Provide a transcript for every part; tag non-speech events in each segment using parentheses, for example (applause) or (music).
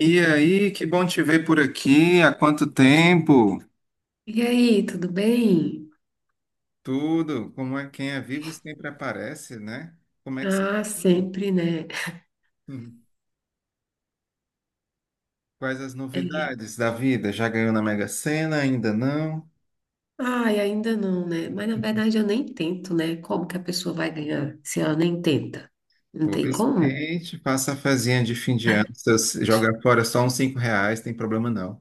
E aí, que bom te ver por aqui. Há quanto tempo? E aí, tudo bem? Tudo, como é quem é vivo sempre aparece, né? Como é que se... Ah, sempre, né? Hum. Quais as É. novidades da vida? Já ganhou na Mega Sena? Ainda não? Ai, ainda não, né? Mas na verdade eu nem tento, né? Como que a pessoa vai ganhar se ela nem tenta? Não tem Pois como? tente, faça a fezinha de fim de ano. Se você jogar fora só uns R$ 5, tem problema não.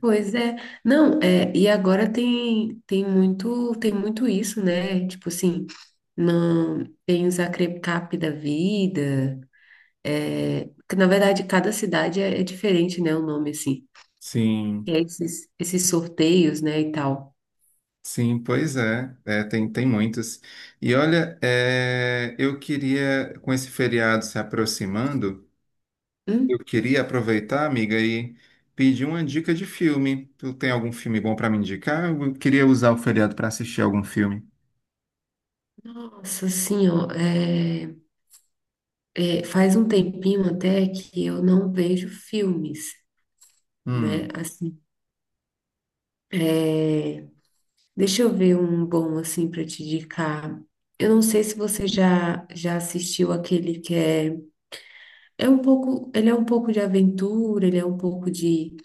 Pois é. Não, é, e agora tem muito isso, né? Tipo assim, não tem os acrecap da vida, é, que na verdade cada cidade é diferente, né? O nome assim. E Sim, aí esses sorteios, né, e tal. sim, pois é. É, tem muitos. E olha, eu queria, com esse feriado se aproximando, eu queria aproveitar, amiga, e pedir uma dica de filme. Tu tem algum filme bom para me indicar? Eu queria usar o feriado para assistir algum filme. Nossa, assim, ó, faz um tempinho até que eu não vejo filmes, né? Hum, Assim, deixa eu ver um bom assim para te indicar. Eu não sei se você já assistiu aquele que é um pouco, ele é um pouco de aventura, ele é um pouco de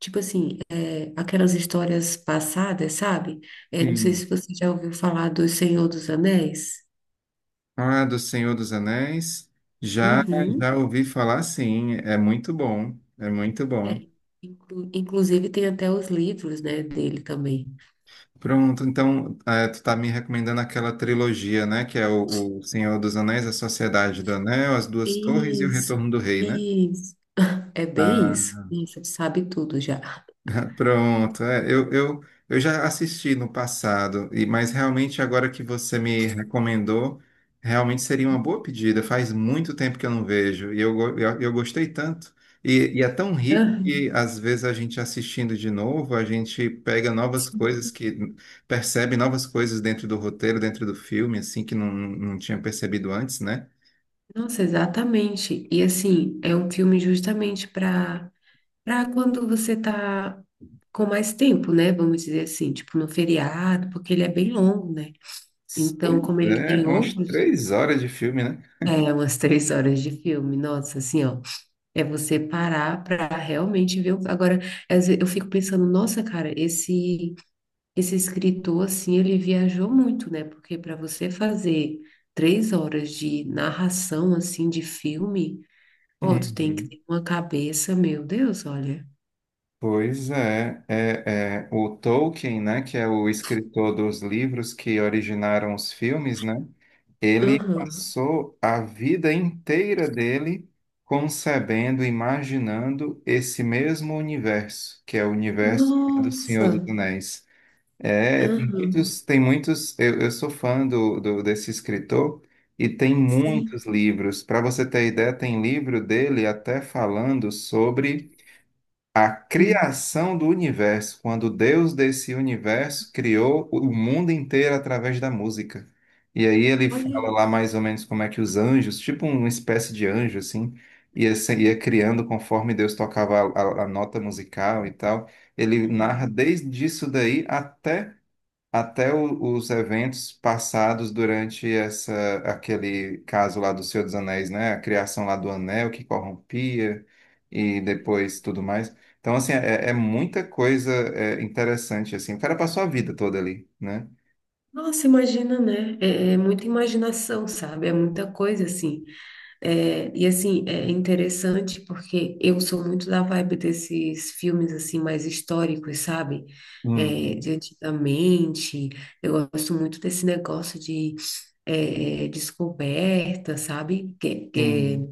tipo assim, aquelas histórias passadas, sabe? Não sei sim. se você já ouviu falar do Senhor dos Anéis. Ah, do Senhor dos Anéis. Já, já Uhum. ouvi falar, sim. É muito bom. É muito bom. É. Inclusive tem até os livros, né, dele também. Pronto, então, tu tá me recomendando aquela trilogia, né? Que é o Senhor dos Anéis, A Sociedade do Anel, As Duas Torres e O Isso, Retorno do Rei, né? isso. (laughs) É bem isso. Ah. Nossa, sabe tudo já. (laughs) Pronto, eu já assisti no passado, e mas realmente agora que você me recomendou, realmente seria uma boa pedida. Faz muito tempo que eu não vejo, e eu gostei tanto. E é tão rico Aham. que às vezes a gente assistindo de novo, a gente pega novas coisas que percebe novas coisas dentro do roteiro, dentro do filme, assim, que não tinha percebido antes, né? Nossa, exatamente. E assim, é um filme justamente para quando você tá com mais tempo, né? Vamos dizer assim, tipo no feriado, porque ele é bem longo, né? Então, Pois como ele é, tem é umas outros, 3 horas de filme, né? é umas três horas de filme, nossa, assim, ó, é você parar para realmente ver. Agora, eu fico pensando, nossa, cara, esse escritor, assim, ele viajou muito, né? Porque para você fazer três horas de narração, assim, de filme, ó, tu tem que Uhum. ter uma cabeça, meu Deus, olha. Pois é, o Tolkien, né, que é o escritor dos livros que originaram os filmes, né, ele Aham. passou a vida inteira dele concebendo, imaginando esse mesmo universo, que é o universo do Nossa! Senhor dos Anéis. É, Aham. Tem muitos, eu sou fã desse escritor e tem muitos Sim. livros. Para você ter ideia, tem livro dele até falando sobre a Uhum. criação do universo, quando Deus desse universo criou o mundo inteiro através da música. E aí ele fala Olha, lá mais ou menos como é que os anjos, tipo uma espécie de anjo assim, ia, se- ia criando conforme Deus tocava a nota musical e tal. Ele aham, narra desde isso daí os eventos passados durante essa aquele caso lá do Senhor dos Anéis, né? A criação lá do anel que corrompia e sim, depois tudo aham. mais. Então, assim, é muita coisa é, interessante, assim. O cara passou a vida toda ali, né? Nossa, imagina, né? É, é muita imaginação, sabe? É muita coisa assim. É, e assim, é interessante porque eu sou muito da vibe desses filmes assim mais históricos, sabe? É, de Uhum. antigamente, eu gosto muito desse negócio de descoberta, sabe? Sim,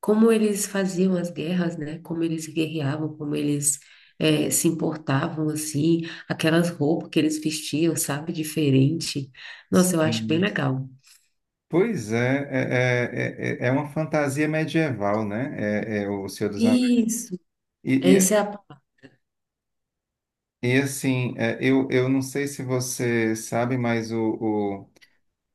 Como eles faziam as guerras, né? Como eles guerreavam, como eles se importavam, assim, aquelas roupas que eles vestiam, sabe? Diferente. Nossa, eu acho bem sim. legal. Pois é, é uma fantasia medieval, né? É o Senhor dos Anéis. Isso, E, e, essa é a palavra. e assim, eu não sei se você sabe, mas o,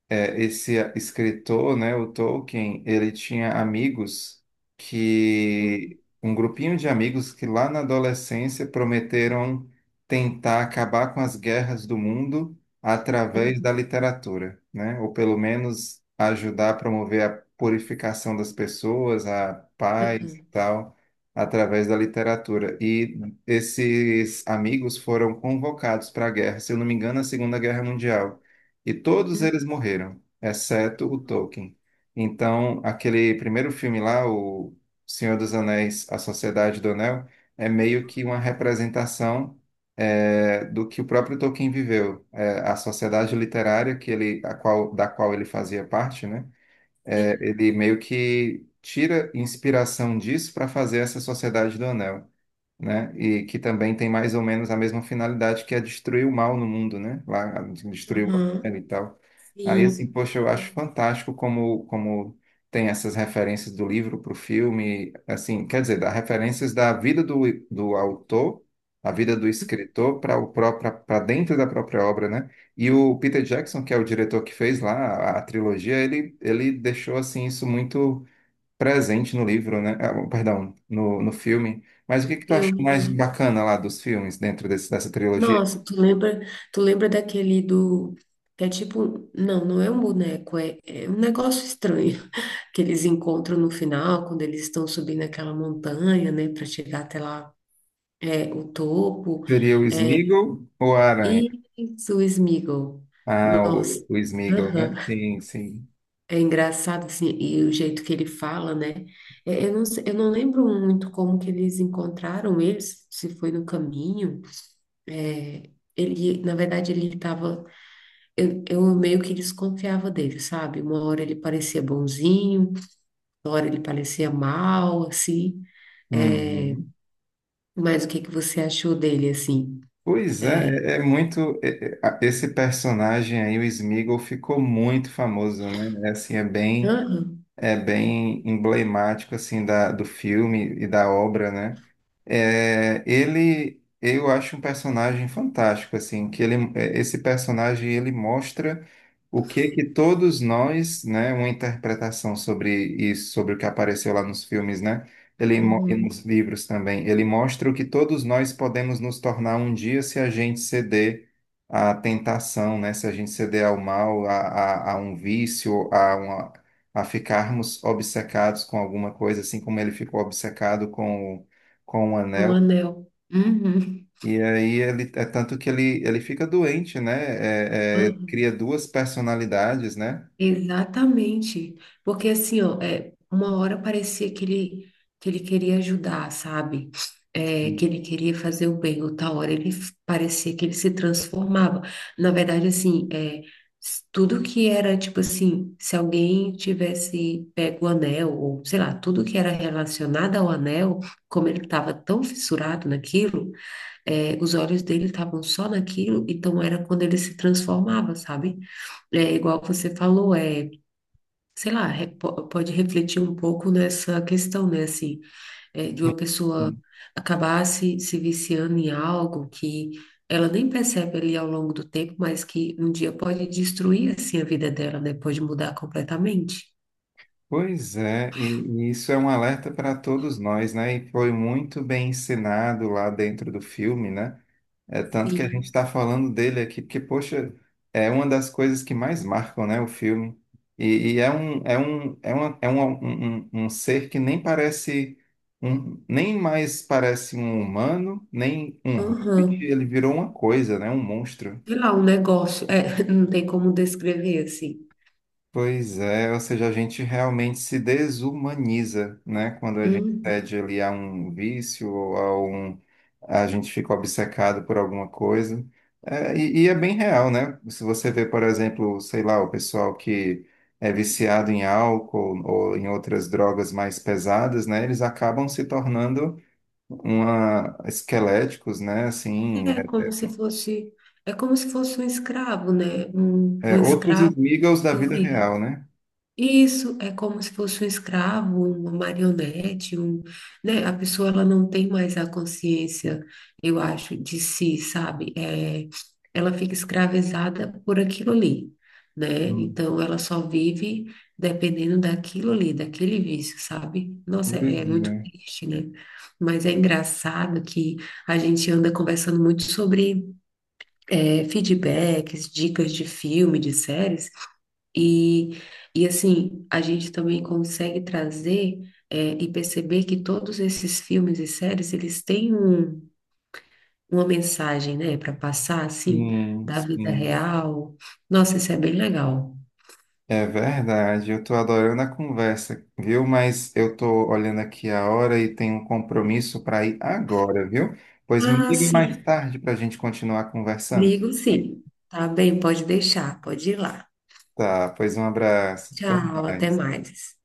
é, esse escritor, né, o Tolkien, ele tinha amigos que, um grupinho de amigos que lá na adolescência prometeram tentar acabar com as guerras do mundo através da literatura, né, ou pelo menos Uhum. ajudar a promover a purificação das pessoas, a paz e tal, através da literatura. E esses amigos foram convocados para a guerra, se eu não me engano, a Segunda Guerra Mundial. E todos Uhum. eles morreram, exceto o Tolkien. Então, aquele primeiro filme lá, O Senhor dos Anéis, A Sociedade do Anel, é meio que uma representação do que o próprio Tolkien viveu. A sociedade literária que ele, a qual, da qual ele fazia parte, né? Sim, Ele meio que tira inspiração disso para fazer essa Sociedade do Anel, né? E que também tem mais ou menos a mesma finalidade que é destruir o mal no mundo, né? Lá destruir o uhum. Abel e tal. Aí assim, Sim, poxa, eu acho sim. fantástico como tem essas referências do livro para o filme, assim, quer dizer, dá referências da vida do autor, a vida do escritor para o próprio para dentro da própria obra, né? E o Peter Jackson, que é o diretor que fez lá a trilogia, ele deixou assim isso muito presente no livro, né? Ah, perdão, no filme. Mas o que Um que tu achou filme. mais Uhum. bacana lá dos filmes, dentro dessa trilogia? Nossa, tu lembra daquele do que é tipo, não, não é um boneco, é um negócio estranho (laughs) que eles encontram no final, quando eles estão subindo aquela montanha, né, para chegar até lá, é o topo. Seria o Sméagol ou a Aranha? Isso, Smigo. Ah, Nossa. o Sméagol, né? Sim, sim. É engraçado, assim, e o jeito que ele fala, né? É, eu não lembro muito como que eles encontraram eles, se foi no caminho. É, ele, na verdade, ele estava... Eu meio que desconfiava dele, sabe? Uma hora ele parecia bonzinho, uma hora ele parecia mal, assim. Uhum. Mas o que que você achou dele, assim? Pois é, é muito. Esse personagem aí, o Sméagol, ficou muito famoso, né? É, assim, Aham, é bem emblemático assim da, do filme e da obra, né? É, ele, eu acho um personagem fantástico, assim, que ele, esse personagem ele mostra o que que todos nós, né, uma interpretação sobre isso, sobre o que apareceu lá nos filmes, né, e nos uhum, livros também, ele mostra o que todos nós podemos nos tornar um dia se a gente ceder à tentação, né, se a gente ceder ao mal, a um vício, a ficarmos obcecados com alguma coisa, assim como ele ficou obcecado com o um anel. anel. Uhum. E aí ele é tanto que ele fica doente, né? Ele cria duas personalidades, né? Exatamente. Porque assim, ó, é, uma hora parecia que ele queria ajudar, sabe? É, que ele queria fazer o bem, outra hora parecia que ele se transformava. Na verdade, assim, tudo que era, tipo assim, se alguém tivesse pego o anel, ou sei lá, tudo que era relacionado ao anel, como ele estava tão fissurado naquilo, os olhos dele estavam só naquilo, então era quando ele se transformava, sabe? É igual você falou, sei lá, pode refletir um pouco nessa questão, né? Assim, de uma pessoa Sim. acabar se viciando em algo que ela nem percebe ali ao longo do tempo, mas que um dia pode destruir, assim, a vida dela, né? Pode mudar completamente. Pois é, e isso é um alerta para todos nós, né? E foi muito bem ensinado lá dentro do filme, né? É tanto que a gente Sim. está falando dele aqui, porque, poxa, é uma das coisas que mais marcam, né, o filme. E é um, é um, é uma, é um, um, um um ser que nem parece um, nem mais parece um humano, nem um hobbit, Aham. ele virou uma coisa, né, um monstro. Sei lá, um negócio. É, (laughs) não tem como descrever, Pois é, ou seja, a gente realmente se desumaniza, né, quando a gente assim. cede ali a um vício ou a gente fica obcecado por alguma coisa. É, E é bem real, né? Se você vê, por exemplo, sei lá, o pessoal que é viciado em álcool ou em outras drogas mais pesadas, né? Eles acabam se tornando esqueléticos, né? Assim, É como é, se fosse, é como se fosse um escravo, né? Um, um é outros escravo. amigos da Eu vida vi. real, né? Isso é como se fosse um escravo, uma marionete, um, né? A pessoa ela não tem mais a consciência, eu acho, de si, sabe? É, ela fica escravizada por aquilo ali, né? Hum. Então ela só vive dependendo daquilo ali, daquele vício, sabe? Nossa, Pois é, é muito é. triste, né? Mas é engraçado que a gente anda conversando muito sobre feedbacks, dicas de filme, de séries, e, e assim, a gente também consegue trazer e perceber que todos esses filmes e séries, eles têm um, uma mensagem, né, para passar, assim, Sim, da vida sim. real. Nossa, isso é bem legal. É verdade, eu tô adorando a conversa, viu? Mas eu tô olhando aqui a hora e tenho um compromisso para ir agora, viu? Pois me Ah, ligue mais sim, tarde para a gente continuar conversando. ligo sim. Tá bem, pode deixar, pode ir lá. Tá, pois um abraço. Até Tchau, até mais. mais.